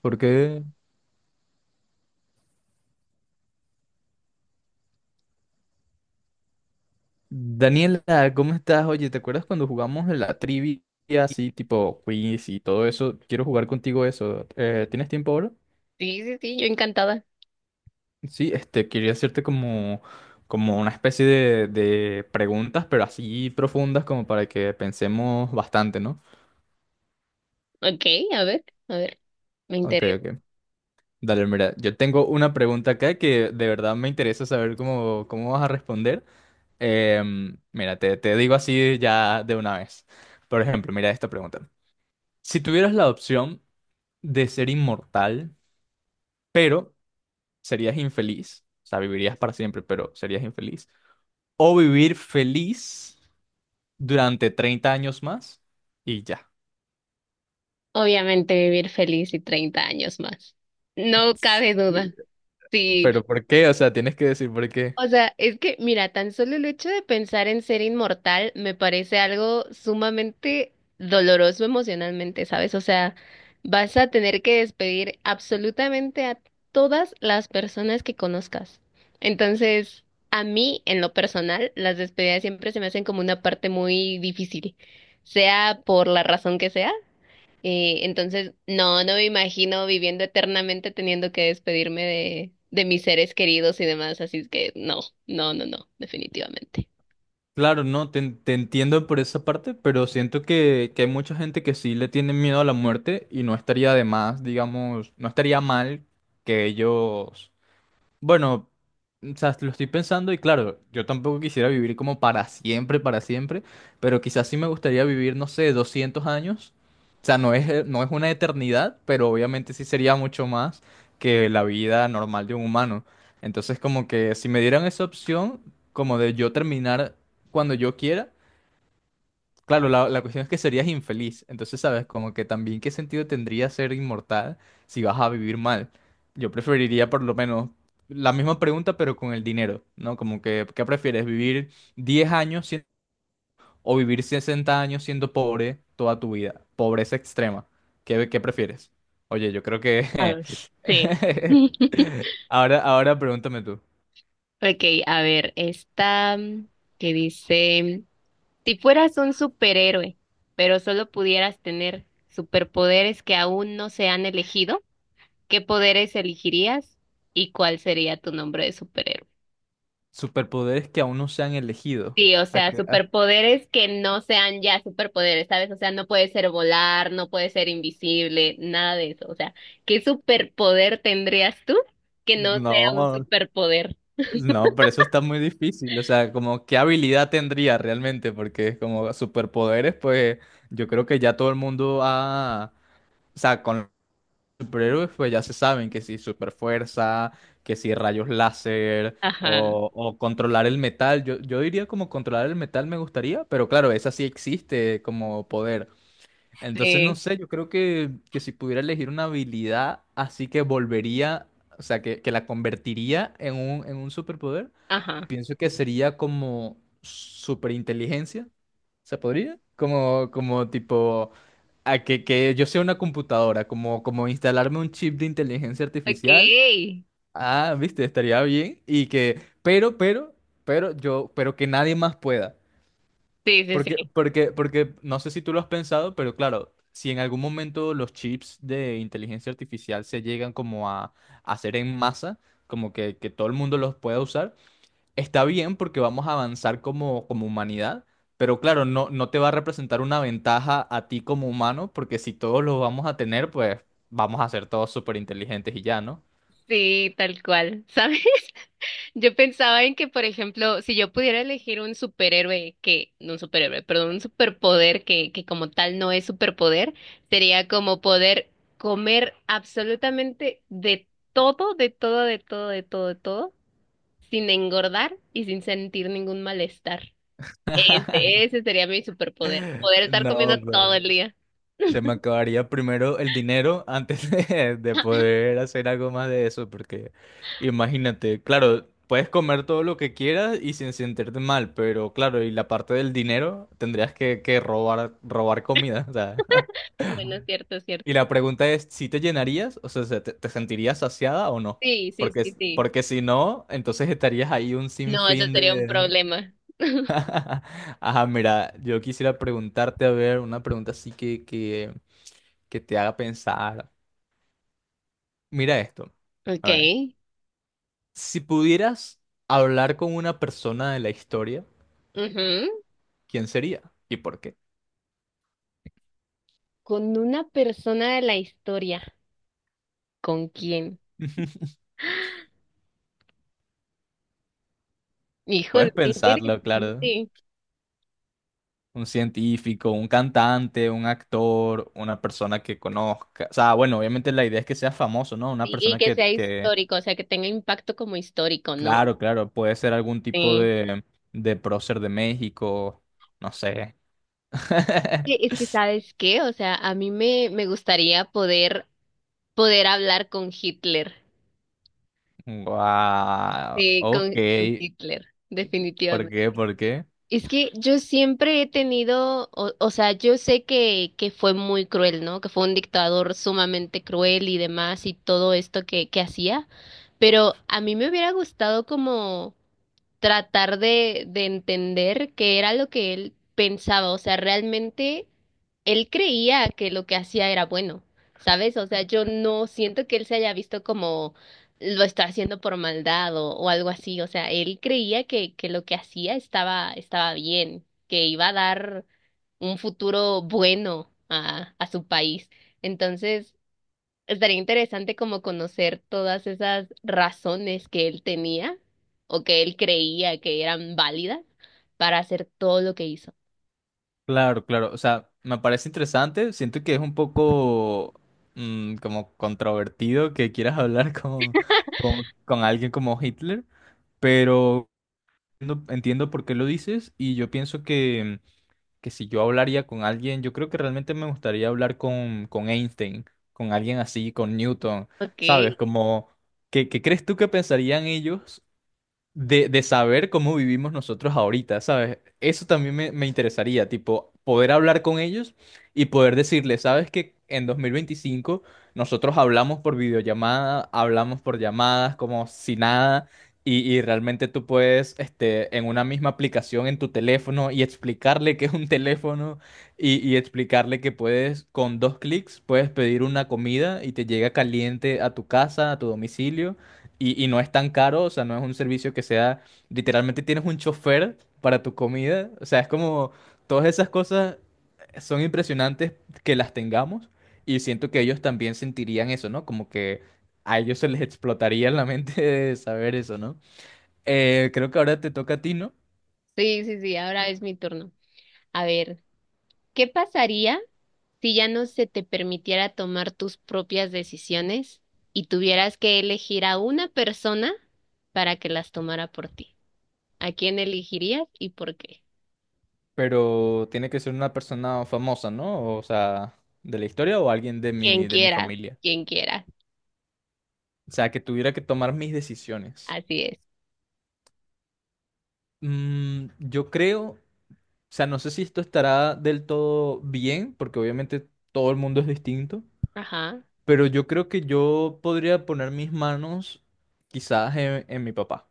Porque, Daniela, ¿cómo estás? Oye, ¿te acuerdas cuando jugamos en la trivia así, tipo quiz y todo eso? Quiero jugar contigo eso. ¿Tienes tiempo ahora? Sí, sí, sí, yo encantada. Sí, este, quería hacerte como, una especie de preguntas, pero así profundas como para que pensemos bastante, ¿no? Ok, a ver, me Ok, interesa. ok. Dale, mira, yo tengo una pregunta acá que de verdad me interesa saber cómo, vas a responder. Mira, te digo así ya de una vez. Por ejemplo, mira esta pregunta. Si tuvieras la opción de ser inmortal, pero serías infeliz, o sea, vivirías para siempre, pero serías infeliz, o vivir feliz durante 30 años más y ya. Obviamente vivir feliz y 30 años más. No cabe Sí. duda. Sí. Pero ¿por qué? O sea, tienes que decir por qué. O sea, mira, tan solo el hecho de pensar en ser inmortal me parece algo sumamente doloroso emocionalmente, ¿sabes? O sea, vas a tener que despedir absolutamente a todas las personas que conozcas. Entonces, a mí, en lo personal, las despedidas siempre se me hacen como una parte muy difícil, sea por la razón que sea. Entonces, no me imagino viviendo eternamente teniendo que despedirme de mis seres queridos y demás, así es que no, no, no, no, definitivamente. Claro, no, te, entiendo por esa parte, pero siento que hay mucha gente que sí le tiene miedo a la muerte y no estaría de más, digamos, no estaría mal que ellos. Bueno, o sea, lo estoy pensando y claro, yo tampoco quisiera vivir como para siempre, pero quizás sí me gustaría vivir, no sé, 200 años. O sea, no es, no es una eternidad, pero obviamente sí sería mucho más que la vida normal de un humano. Entonces, como que si me dieran esa opción, como de yo terminar cuando yo quiera. Claro, la cuestión es que serías infeliz. Entonces, ¿sabes? Como que también qué sentido tendría ser inmortal si vas a vivir mal. Yo preferiría por lo menos la misma pregunta, pero con el dinero, ¿no? Como que, ¿qué prefieres? ¿Vivir 10 años o vivir 60 años siendo pobre toda tu vida? Pobreza extrema. ¿Qué prefieres? Oye, yo creo A que... ver. Sí. Ahora, ahora pregúntame tú. Ok, a ver, esta mm, que dice, si fueras un superhéroe, pero solo pudieras tener superpoderes que aún no se han elegido, ¿qué poderes elegirías y cuál sería tu nombre de superhéroe? Superpoderes que aún no se han elegido. Sí, o ¿A sea, qué? Superpoderes que no sean ya superpoderes, ¿sabes? O sea, no puede ser volar, no puede ser invisible, nada de eso. O sea, ¿qué superpoder tendrías tú que no sea un No. superpoder? No, pero eso está muy difícil. O sea, como qué habilidad tendría realmente, porque es como superpoderes, pues yo creo que ya todo el mundo ha, o sea, con los superhéroes, pues ya se saben que si superfuerza, que si rayos láser, Ajá, o, controlar el metal. yo diría como controlar el metal me gustaría, pero claro, esa sí existe como poder. Entonces, no sí, sé, yo creo que, si pudiera elegir una habilidad, así que volvería, o sea, que, la convertiría en un superpoder. ajá. Pienso que sería como superinteligencia, ¿se podría? Como, como, tipo, a que yo sea una computadora, como instalarme un chip de inteligencia Ok. artificial. Sí, Ah, viste, estaría bien. Y que, pero yo, pero que nadie más pueda. sí, Porque, sí. porque, porque, no sé si tú lo has pensado, pero claro, si en algún momento los chips de inteligencia artificial se llegan como a, hacer en masa, como que todo el mundo los pueda usar está bien porque vamos a avanzar como humanidad, pero claro, no, no te va a representar una ventaja a ti como humano, porque si todos lo vamos a tener, pues vamos a ser todos súper inteligentes y ya, ¿no? Sí, tal cual, ¿sabes? Yo pensaba en que, por ejemplo, si yo pudiera elegir un superhéroe que, no un superhéroe, perdón, un superpoder que como tal no es superpoder, sería como poder comer absolutamente de todo, de todo, de todo, de todo, de todo, sin engordar y sin sentir ningún malestar. Ese, ese sería mi superpoder, poder estar No, comiendo bro. todo el día. Se me acabaría primero el dinero antes de, poder hacer algo más de eso, porque imagínate, claro, puedes comer todo lo que quieras y sin sentirte mal, pero claro, y la parte del dinero tendrías que robar, robar comida, o sea. Bueno, cierto, Y cierto. la pregunta es, ¿si te llenarías? O sea, ¿te sentirías saciada o no? Sí, sí, Porque, sí, s- sí. porque si no, entonces estarías ahí un No, eso sinfín sería un de... problema. Ajá, mira, yo quisiera preguntarte, a ver, una pregunta así que te haga pensar. Mira esto. Ok. A ver, si pudieras hablar con una persona de la historia, Ujú. ¿quién sería? ¿Y por qué? Con una persona de la historia. ¿Con quién? Híjole, Puedes qué pensarlo, interesante. claro. Y, Un científico, un cantante, un actor, una persona que conozca. O sea, bueno, obviamente la idea es que sea famoso, ¿no? Una y persona que que, sea que histórico, o sea, que tenga impacto como histórico, ¿no? claro, claro, puede ser algún tipo Sí. de prócer de México, no sé. Sí, es que, ¿sabes qué? O sea, a mí me gustaría poder hablar con Hitler. Wow, Sí, ok. con Hitler, ¿Por definitivamente. qué? ¿Por qué? Es que yo siempre he tenido, o sea, yo sé que fue muy cruel, ¿no? Que fue un dictador sumamente cruel y demás y todo esto que hacía, pero a mí me hubiera gustado como tratar de entender qué era lo que él pensaba. O sea, realmente él creía que lo que hacía era bueno, ¿sabes? O sea, yo no siento que él se haya visto como lo está haciendo por maldad o algo así. O sea, él creía que lo que hacía estaba, estaba bien, que iba a dar un futuro bueno a su país. Entonces, estaría interesante como conocer todas esas razones que él tenía o que él creía que eran válidas para hacer todo lo que hizo. Claro, claro. O sea, me parece interesante. Siento que es un poco como controvertido que quieras hablar con, alguien como Hitler, pero entiendo, entiendo por qué lo dices y yo pienso que si yo hablaría con alguien, yo creo que realmente me gustaría hablar con, Einstein, con alguien así, con Newton, Ok, ¿sabes? sí, Como, ¿qué, crees tú que pensarían ellos de saber cómo vivimos nosotros ahorita, ¿sabes? Eso también me interesaría, tipo, poder hablar con ellos y poder decirles, ¿sabes que en 2025 nosotros hablamos por videollamada, hablamos por llamadas, como si nada, y, realmente tú puedes, este, en una misma aplicación en tu teléfono y explicarle que es un teléfono y explicarle que puedes, con dos clics, puedes pedir una comida y te llega caliente a tu casa, a tu domicilio y no es tan caro, o sea, no es un servicio que sea, literalmente tienes un chofer para tu comida, o sea, es como todas esas cosas son impresionantes que las tengamos y siento que ellos también sentirían eso, ¿no? Como que a ellos se les explotaría la mente de saber eso, ¿no? Creo que ahora te toca a ti, ¿no? sí, sí, ahora es mi turno. A ver, ¿qué pasaría si ya no se te permitiera tomar tus propias decisiones y tuvieras que elegir a una persona para que las tomara por ti? ¿A quién elegirías y por qué? Pero tiene que ser una persona famosa, ¿no? O sea, de la historia o alguien de Quien mi, de mi quieras, familia. quien quieras. O sea, que tuviera que tomar mis decisiones. Así es. Yo creo. O sea, no sé si esto estará del todo bien, porque obviamente todo el mundo es distinto, Ajá. pero yo creo que yo podría poner mis manos quizás en, mi papá.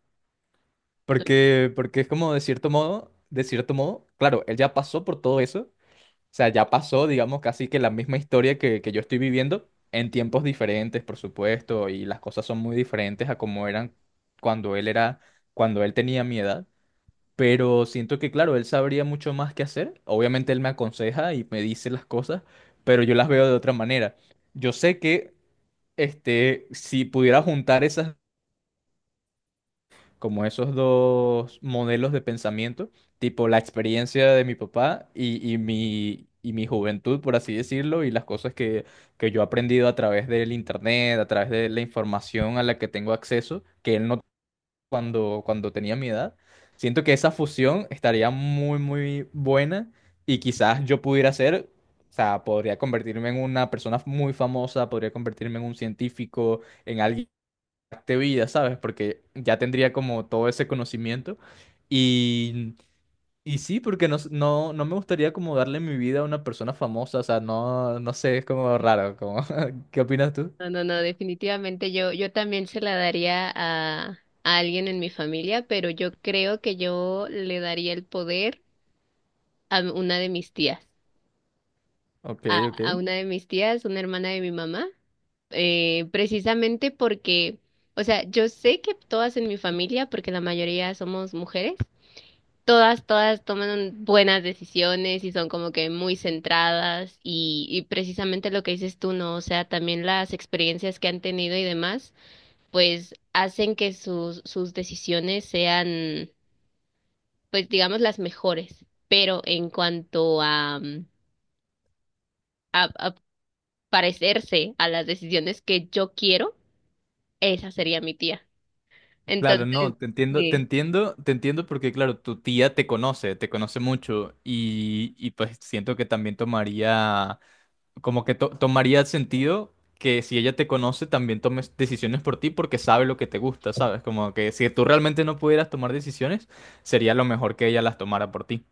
Porque es como de cierto modo, claro, él ya pasó por todo eso. O sea, ya pasó, digamos, casi que la misma historia que yo estoy viviendo, en tiempos diferentes, por supuesto, y las cosas son muy diferentes a como eran cuando él era, cuando él tenía mi edad. Pero siento que, claro, él sabría mucho más qué hacer. Obviamente él me aconseja y me dice las cosas, pero yo las veo de otra manera. Yo sé que, este, si pudiera juntar esas, como esos dos modelos de pensamiento, tipo la experiencia de mi papá y, y mi juventud, por así decirlo, y las cosas que yo he aprendido a través del internet, a través de la información a la que tengo acceso, que él no cuando tenía mi edad. Siento que esa fusión estaría muy, muy buena y quizás yo pudiera ser, o sea, podría convertirme en una persona muy famosa, podría convertirme en un científico, en alguien de vida, ¿sabes? Porque ya tendría como todo ese conocimiento y... Y sí, porque no me gustaría como darle mi vida a una persona famosa, o sea, no, no sé, es como raro, como, ¿qué opinas tú? No, no, no, definitivamente yo, yo también se la daría a alguien en mi familia, pero yo creo que yo le daría el poder a una de mis tías, Ok, ok. a una de mis tías, una hermana de mi mamá, precisamente porque, o sea, yo sé que todas en mi familia, porque la mayoría somos mujeres, todas, todas toman buenas decisiones y son como que muy centradas y precisamente lo que dices tú, ¿no? O sea, también las experiencias que han tenido y demás pues hacen que sus, sus decisiones sean, pues digamos, las mejores. Pero en cuanto a, mm, a parecerse a las decisiones que yo quiero, esa sería mi tía. Claro, no, Entonces, te entiendo, te sí. entiendo, te entiendo porque, claro, tu tía te conoce mucho y, pues siento que también tomaría, como que tomaría sentido que si ella te conoce también tomes decisiones por ti porque sabe lo que te gusta, ¿sabes? Como que si tú realmente no pudieras tomar decisiones, sería lo mejor que ella las tomara por ti.